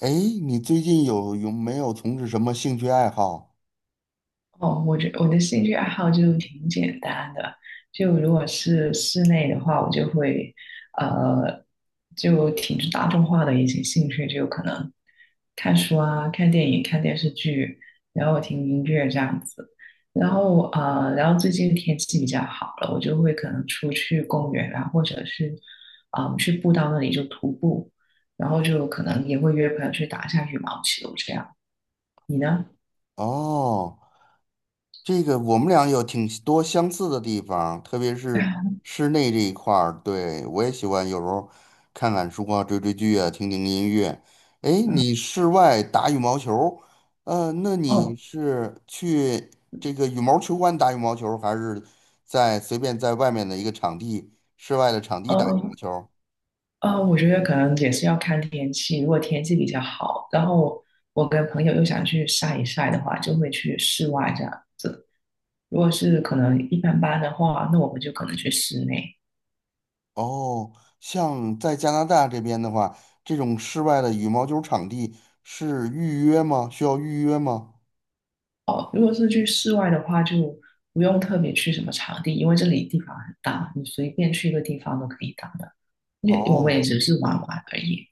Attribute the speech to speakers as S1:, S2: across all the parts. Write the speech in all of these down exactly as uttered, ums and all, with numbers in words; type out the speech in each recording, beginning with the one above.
S1: 哎，你最近有有没有从事什么兴趣爱好？
S2: 哦，我觉我的兴趣爱好就挺简单的，就如果是室内的话，我就会呃，就挺大众化的一些兴趣，就可能看书啊、看电影、看电视剧，然后
S1: 嗯。
S2: 听音乐这样子。然后呃，然后最近天气比较好了，我就会可能出去公园啊，或者是嗯、呃去步道那里就徒步，然后就可能也会约朋友去打一下羽毛球这样。你呢？
S1: 哦，这个我们俩有挺多相似的地方，特别是室内这一块儿。对，我也喜欢有时候看看书啊，追追剧啊，听听音乐。哎，你室外打羽毛球，呃，那你
S2: 哦。
S1: 是去这个羽毛球馆打羽毛球，还是在随便在外面的一个场地，室外的场地打羽毛
S2: 哦，
S1: 球？
S2: 呃，我觉得可能也是要看天气。如果天气比较好，然后我跟朋友又想去晒一晒的话，就会去室外这样子。如果是可能一般般的话，那我们就可能去室内。
S1: 哦，像在加拿大这边的话，这种室外的羽毛球场地是预约吗？需要预约吗？
S2: 哦，如果是去室外的话，就不用特别去什么场地，因为这里地方很大，你随便去一个地方都可以打的。因为我们也
S1: 哦
S2: 只是玩玩而已。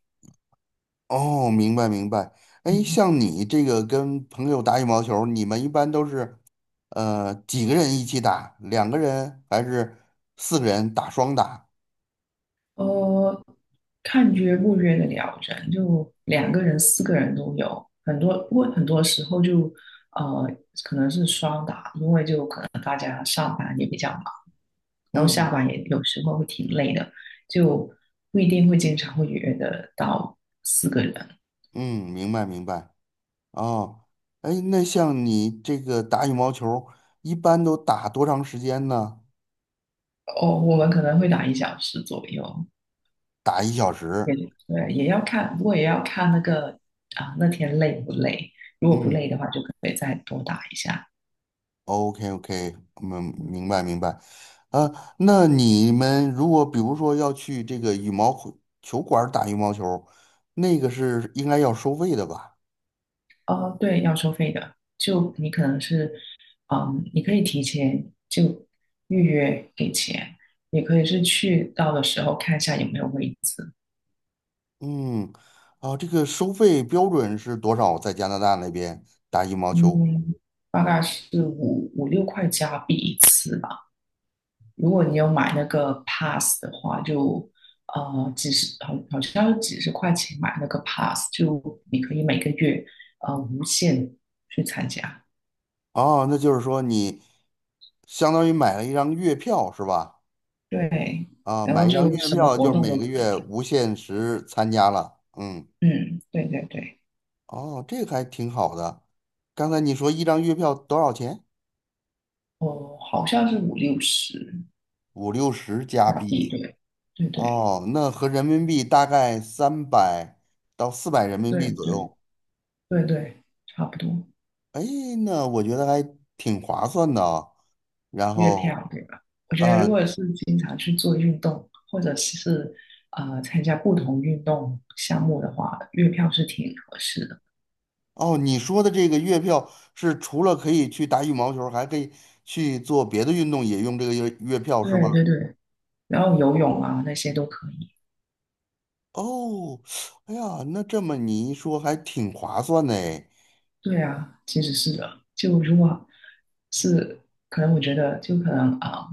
S1: 哦，明白明白。哎，
S2: 嗯
S1: 像你这个跟朋友打羽毛球，你们一般都是呃几个人一起打？两个人还是四个人打双打？
S2: 呃，看约不约的了人，就两个人、四个人都有，很多，不过很多时候就呃，可能是双打，因为就可能，然后下
S1: 嗯
S2: 班也有时候会挺累的，就不一定会经常会约得到四个人。
S1: 嗯，明白明白。哦，哎，那像你这个打羽毛球，一般都打多长时间呢？
S2: 哦，我们可能会打一小时左右，
S1: 打一小
S2: 也
S1: 时。
S2: 对，也要看，不过也要看那个啊，那天累不累，如果不
S1: 嗯。
S2: 累的话，就可以再多打一下。
S1: OK OK，嗯，明白明白。呃，那你们如果比如说要去这个羽毛球球馆儿打羽毛球，那个是应该要收费的吧？
S2: 哦，对，要收费的。就你可能是，嗯，你可以提前就预约给钱，也可以是去到的时候看一下有没有位置。
S1: 嗯，啊，这个收费标准是多少？在加拿大那边打羽毛球？
S2: 嗯，大概是五五六块加币一次吧。如果你有买那个 pass 的话，就呃几十，好好像是几十块钱买那个 pass，就你可以每个月呃无限去参加。
S1: 哦，那就是说你相当于买了一张月票是吧？
S2: 对，
S1: 啊，
S2: 然
S1: 买
S2: 后
S1: 一张
S2: 就
S1: 月
S2: 什么
S1: 票就
S2: 活
S1: 是
S2: 动
S1: 每
S2: 都
S1: 个
S2: 可
S1: 月
S2: 以。
S1: 无限时参加了。嗯，
S2: 嗯，对对对。
S1: 哦，这个还挺好的。刚才你说一张月票多少钱？
S2: 哦，好像是五六十
S1: 五六十加
S2: 加币，
S1: 币。
S2: 对，对对
S1: 哦，那合人民币大概三百到四百人民
S2: 对
S1: 币左
S2: 对
S1: 右。
S2: 对对，差不多
S1: 哎，那我觉得还挺划算的啊。然
S2: 月
S1: 后，
S2: 票对吧？我觉得
S1: 啊，
S2: 如果是经常去做运动，或者是呃参加不同运动项目的话，月票是挺合适的。
S1: 哦，你说的这个月票是除了可以去打羽毛球，还可以去做别的运动，也用这个月月票是
S2: 对
S1: 吗？
S2: 对对，然后游泳啊那些都可以。
S1: 哦，哎呀，那这么你一说还挺划算的哎。
S2: 对啊，其实是的。就如果是可能，我觉得就可能啊、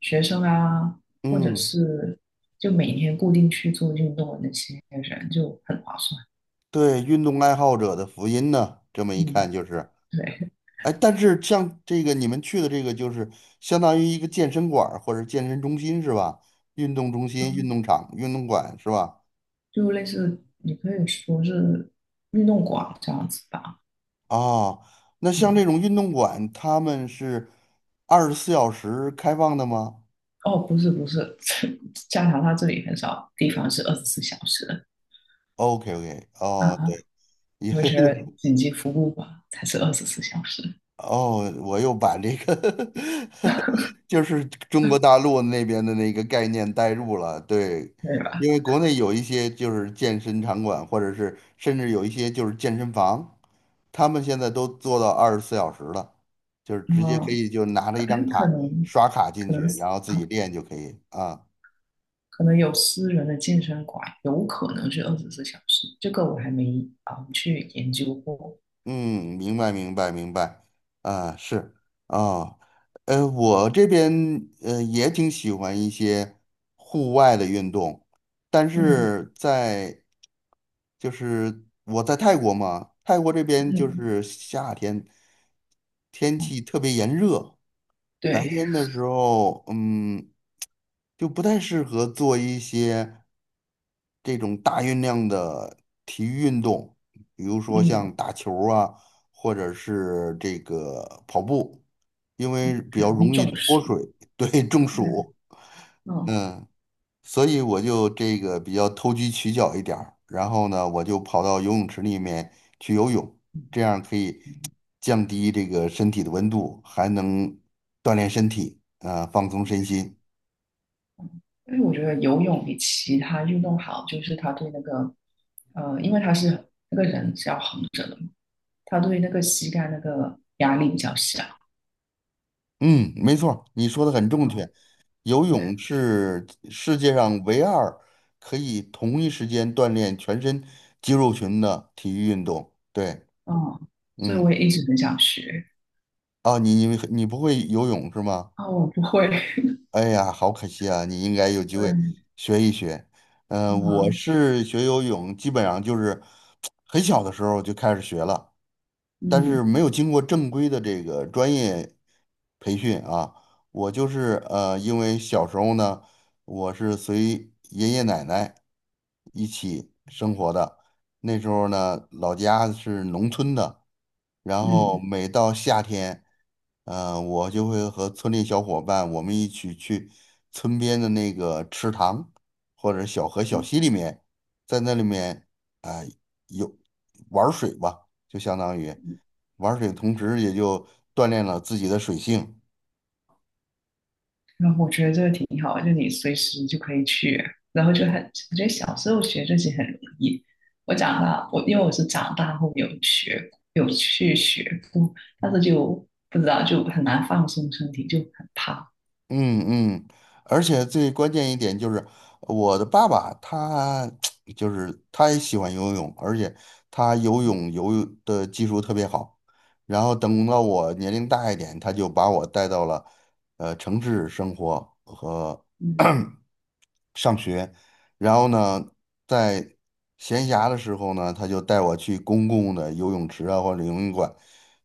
S2: 学生啊，或者
S1: 嗯，
S2: 是就每天固定去做运动的那些人就很划算。
S1: 对，运动爱好者的福音呢，这么一
S2: 嗯，
S1: 看就是。
S2: 对，
S1: 哎，但是像这个你们去的这个，就是相当于一个健身馆儿或者健身中心是吧？运动中心、运
S2: 嗯，
S1: 动场、运动馆是吧？
S2: 就类似你可以说是运动馆这样子吧。
S1: 哦，那像
S2: 嗯，
S1: 这种运动馆，他们是二十四小时开放的吗
S2: 哦，不是不是，加拿大这里很少地方是二十四小时的
S1: ？OK OK，哦，
S2: 啊，
S1: 对，
S2: 我觉 得紧急服务吧才是二十四小时，
S1: 哦，我又把这个 就是中国大陆那边的那个概念带入了，对，
S2: 对吧？
S1: 因为国内有一些就是健身场馆，或者是甚至有一些就是健身房，他们现在都做到二十四小时了，就是直接可
S2: 嗯，
S1: 以就拿着
S2: 哎，
S1: 一张
S2: 可
S1: 卡
S2: 能
S1: 刷卡进
S2: 可
S1: 去，
S2: 能是
S1: 然后自己
S2: 啊，
S1: 练就可以啊。
S2: 可能有私人的健身馆，有可能是二十四小时，这个我还没啊、去研究过。
S1: 嗯，明白明白明白，啊是啊，呃，我这边呃也挺喜欢一些户外的运动，但
S2: 嗯
S1: 是在就是我在泰国嘛，泰国这边就
S2: 嗯，
S1: 是夏天天
S2: 哦，
S1: 气特别炎热，白
S2: 对，
S1: 天的时候，嗯，就不太适合做一些这种大运量的体育运动，比如说
S2: 嗯，
S1: 像打球儿啊，或者是这个跑步，因为比
S2: 很
S1: 较
S2: 容易
S1: 容易
S2: 中
S1: 脱
S2: 暑。
S1: 水，对，中
S2: 对，
S1: 暑。
S2: 嗯，
S1: 嗯。所以我就这个比较投机取巧一点儿，然后呢，我就跑到游泳池里面去游泳，这样可以降低这个身体的温度，还能锻炼身体，啊、放松身心。
S2: 因为我觉得游泳比其他运动好，就是它对那个呃，因为它是那个人是要横着的嘛，它对那个膝盖那个压力比较小。
S1: 嗯，没错儿你说的很正
S2: 啊、
S1: 确。游
S2: 对，
S1: 泳是世界上唯二可以同一时间锻炼全身肌肉群的体育运动。对，
S2: 嗯，所以
S1: 嗯，
S2: 我也一直很想学。
S1: 啊，你你你不会游泳是吗？
S2: 啊、我不会。
S1: 哎呀，好可惜啊！你应该有机会
S2: 对，
S1: 学一学。嗯、我
S2: 嗯。
S1: 是学游泳，基本上就是很小的时候就开始学了，但是
S2: 嗯
S1: 没有经过正规的这个专业培训啊。我就是呃，因为小时候呢，我是随爷爷奶奶一起生活的，那时候呢，老家是农村的，然后
S2: 嗯，
S1: 每到夏天，呃，我就会和村里小伙伴我们一起去村边的那个池塘或者小河小溪里面，在那里面啊，有玩儿水吧，就相当于。玩水同时也就锻炼了自己的水性。
S2: 然后我觉得这个挺好的就你随时就可以去，然后就很，我觉得小时候学这些很容易。我长大，我因为我是长大后有学，有去学过，但是就不知道就很难放松身体，就很怕。
S1: 嗯嗯，而且最关键一点就是，我的爸爸他 就是他也喜欢游泳，而且他游泳游的技术特别好。然后等到我年龄大一点，他就把我带到了呃城市生活和
S2: 嗯
S1: 上学，然后呢，在闲暇的时候呢，他就带我去公共的游泳池啊或者游泳馆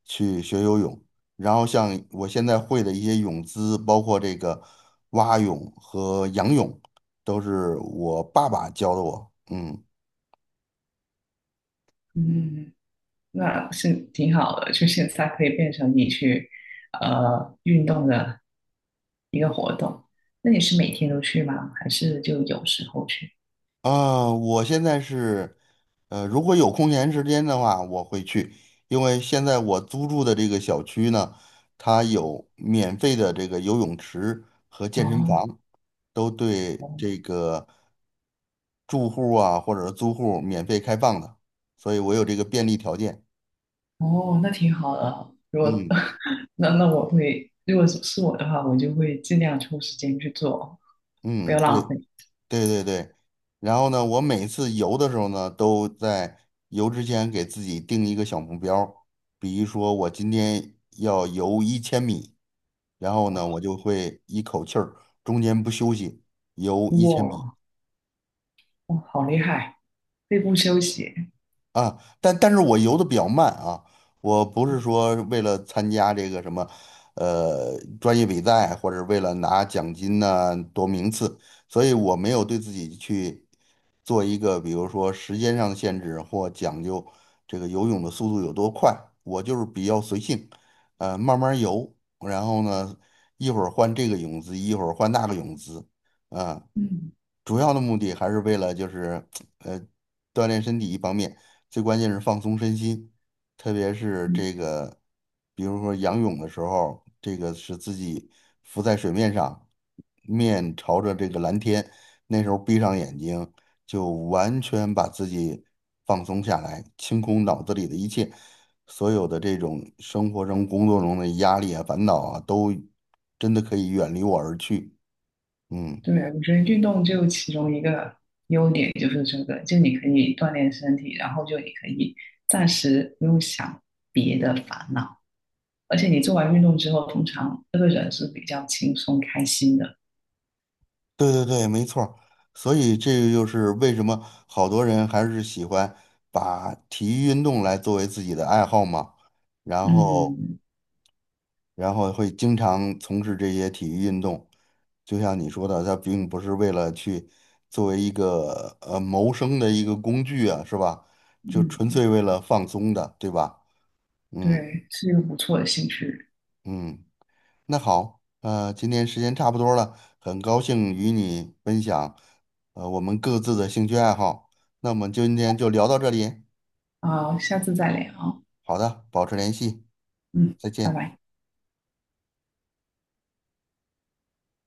S1: 去学游泳。然后像我现在会的一些泳姿，包括这个蛙泳和仰泳，都是我爸爸教的我。嗯。
S2: 嗯，那是挺好的，就现在可以变成你去呃运动的一个活动。那你是每天都去吗？还是就有时候去？
S1: 啊，我现在是，呃，如果有空闲时间的话，我会去，因为现在我租住的这个小区呢，它有免费的这个游泳池和健身
S2: 哦，
S1: 房，都对这个住户啊或者是租户免费开放的，所以我有这个便利条件。
S2: 哦，那挺好的啊。如果
S1: 嗯
S2: 那那我会，如果是是我的话，我就会尽量抽时间去做，不
S1: 嗯，
S2: 要浪
S1: 对。
S2: 费。
S1: 对对对，然后呢，我每次游的时候呢，都在游之前给自己定一个小目标儿。比如说我今天要游一千米，然后呢，我
S2: 哇
S1: 就会一口气儿中间不休息游一千米
S2: 哇哇，好厉害！肺部休息，
S1: 啊。但但是我游的比较慢啊，我不是说为了参加这个什么呃专业比赛，或者为了拿奖金呐、夺名次，所以我没有对自己去做一个，比如说时间上的限制或讲究这个游泳的速度有多快，我就是比较随性，呃，慢慢游，然后呢，一会儿换这个泳姿，一会儿换那个泳姿，啊、
S2: 嗯
S1: 主要的目的还是为了就是呃锻炼身体一方面，最关键是放松身心，特别是
S2: 嗯，
S1: 这个，比如说仰泳的时候，这个是自己浮在水面上，面朝着这个蓝天，那时候闭上眼睛，就完全把自己放松下来，清空脑子里的一切，所有的这种生活中、工作中的压力啊、烦恼啊，都真的可以远离我而去。嗯。
S2: 对，我觉得运动就其中一个优点就是这个，就你可以锻炼身体，然后就你可以暂时不用想别的烦恼，而且你做完运动之后，通常这个人是比较轻松开心的。
S1: 对对对，没错儿。所以这个就是为什么好多人还是喜欢把体育运动来作为自己的爱好嘛，然后
S2: 嗯
S1: 然后会经常从事这些体育运动。就像你说的，他并不是为了去作为一个呃谋生的一个工具啊，是吧？就纯
S2: 嗯，
S1: 粹为了放松的，对吧？嗯
S2: 对，是一个不错的兴趣。
S1: 嗯。那好，呃，今天时间差不多了，很高兴与你分享，呃，我们各自的兴趣爱好。那我们今天就聊到这里。
S2: 好，下次再聊啊。
S1: 好的，保持联系，
S2: 嗯，
S1: 再
S2: 拜
S1: 见。
S2: 拜。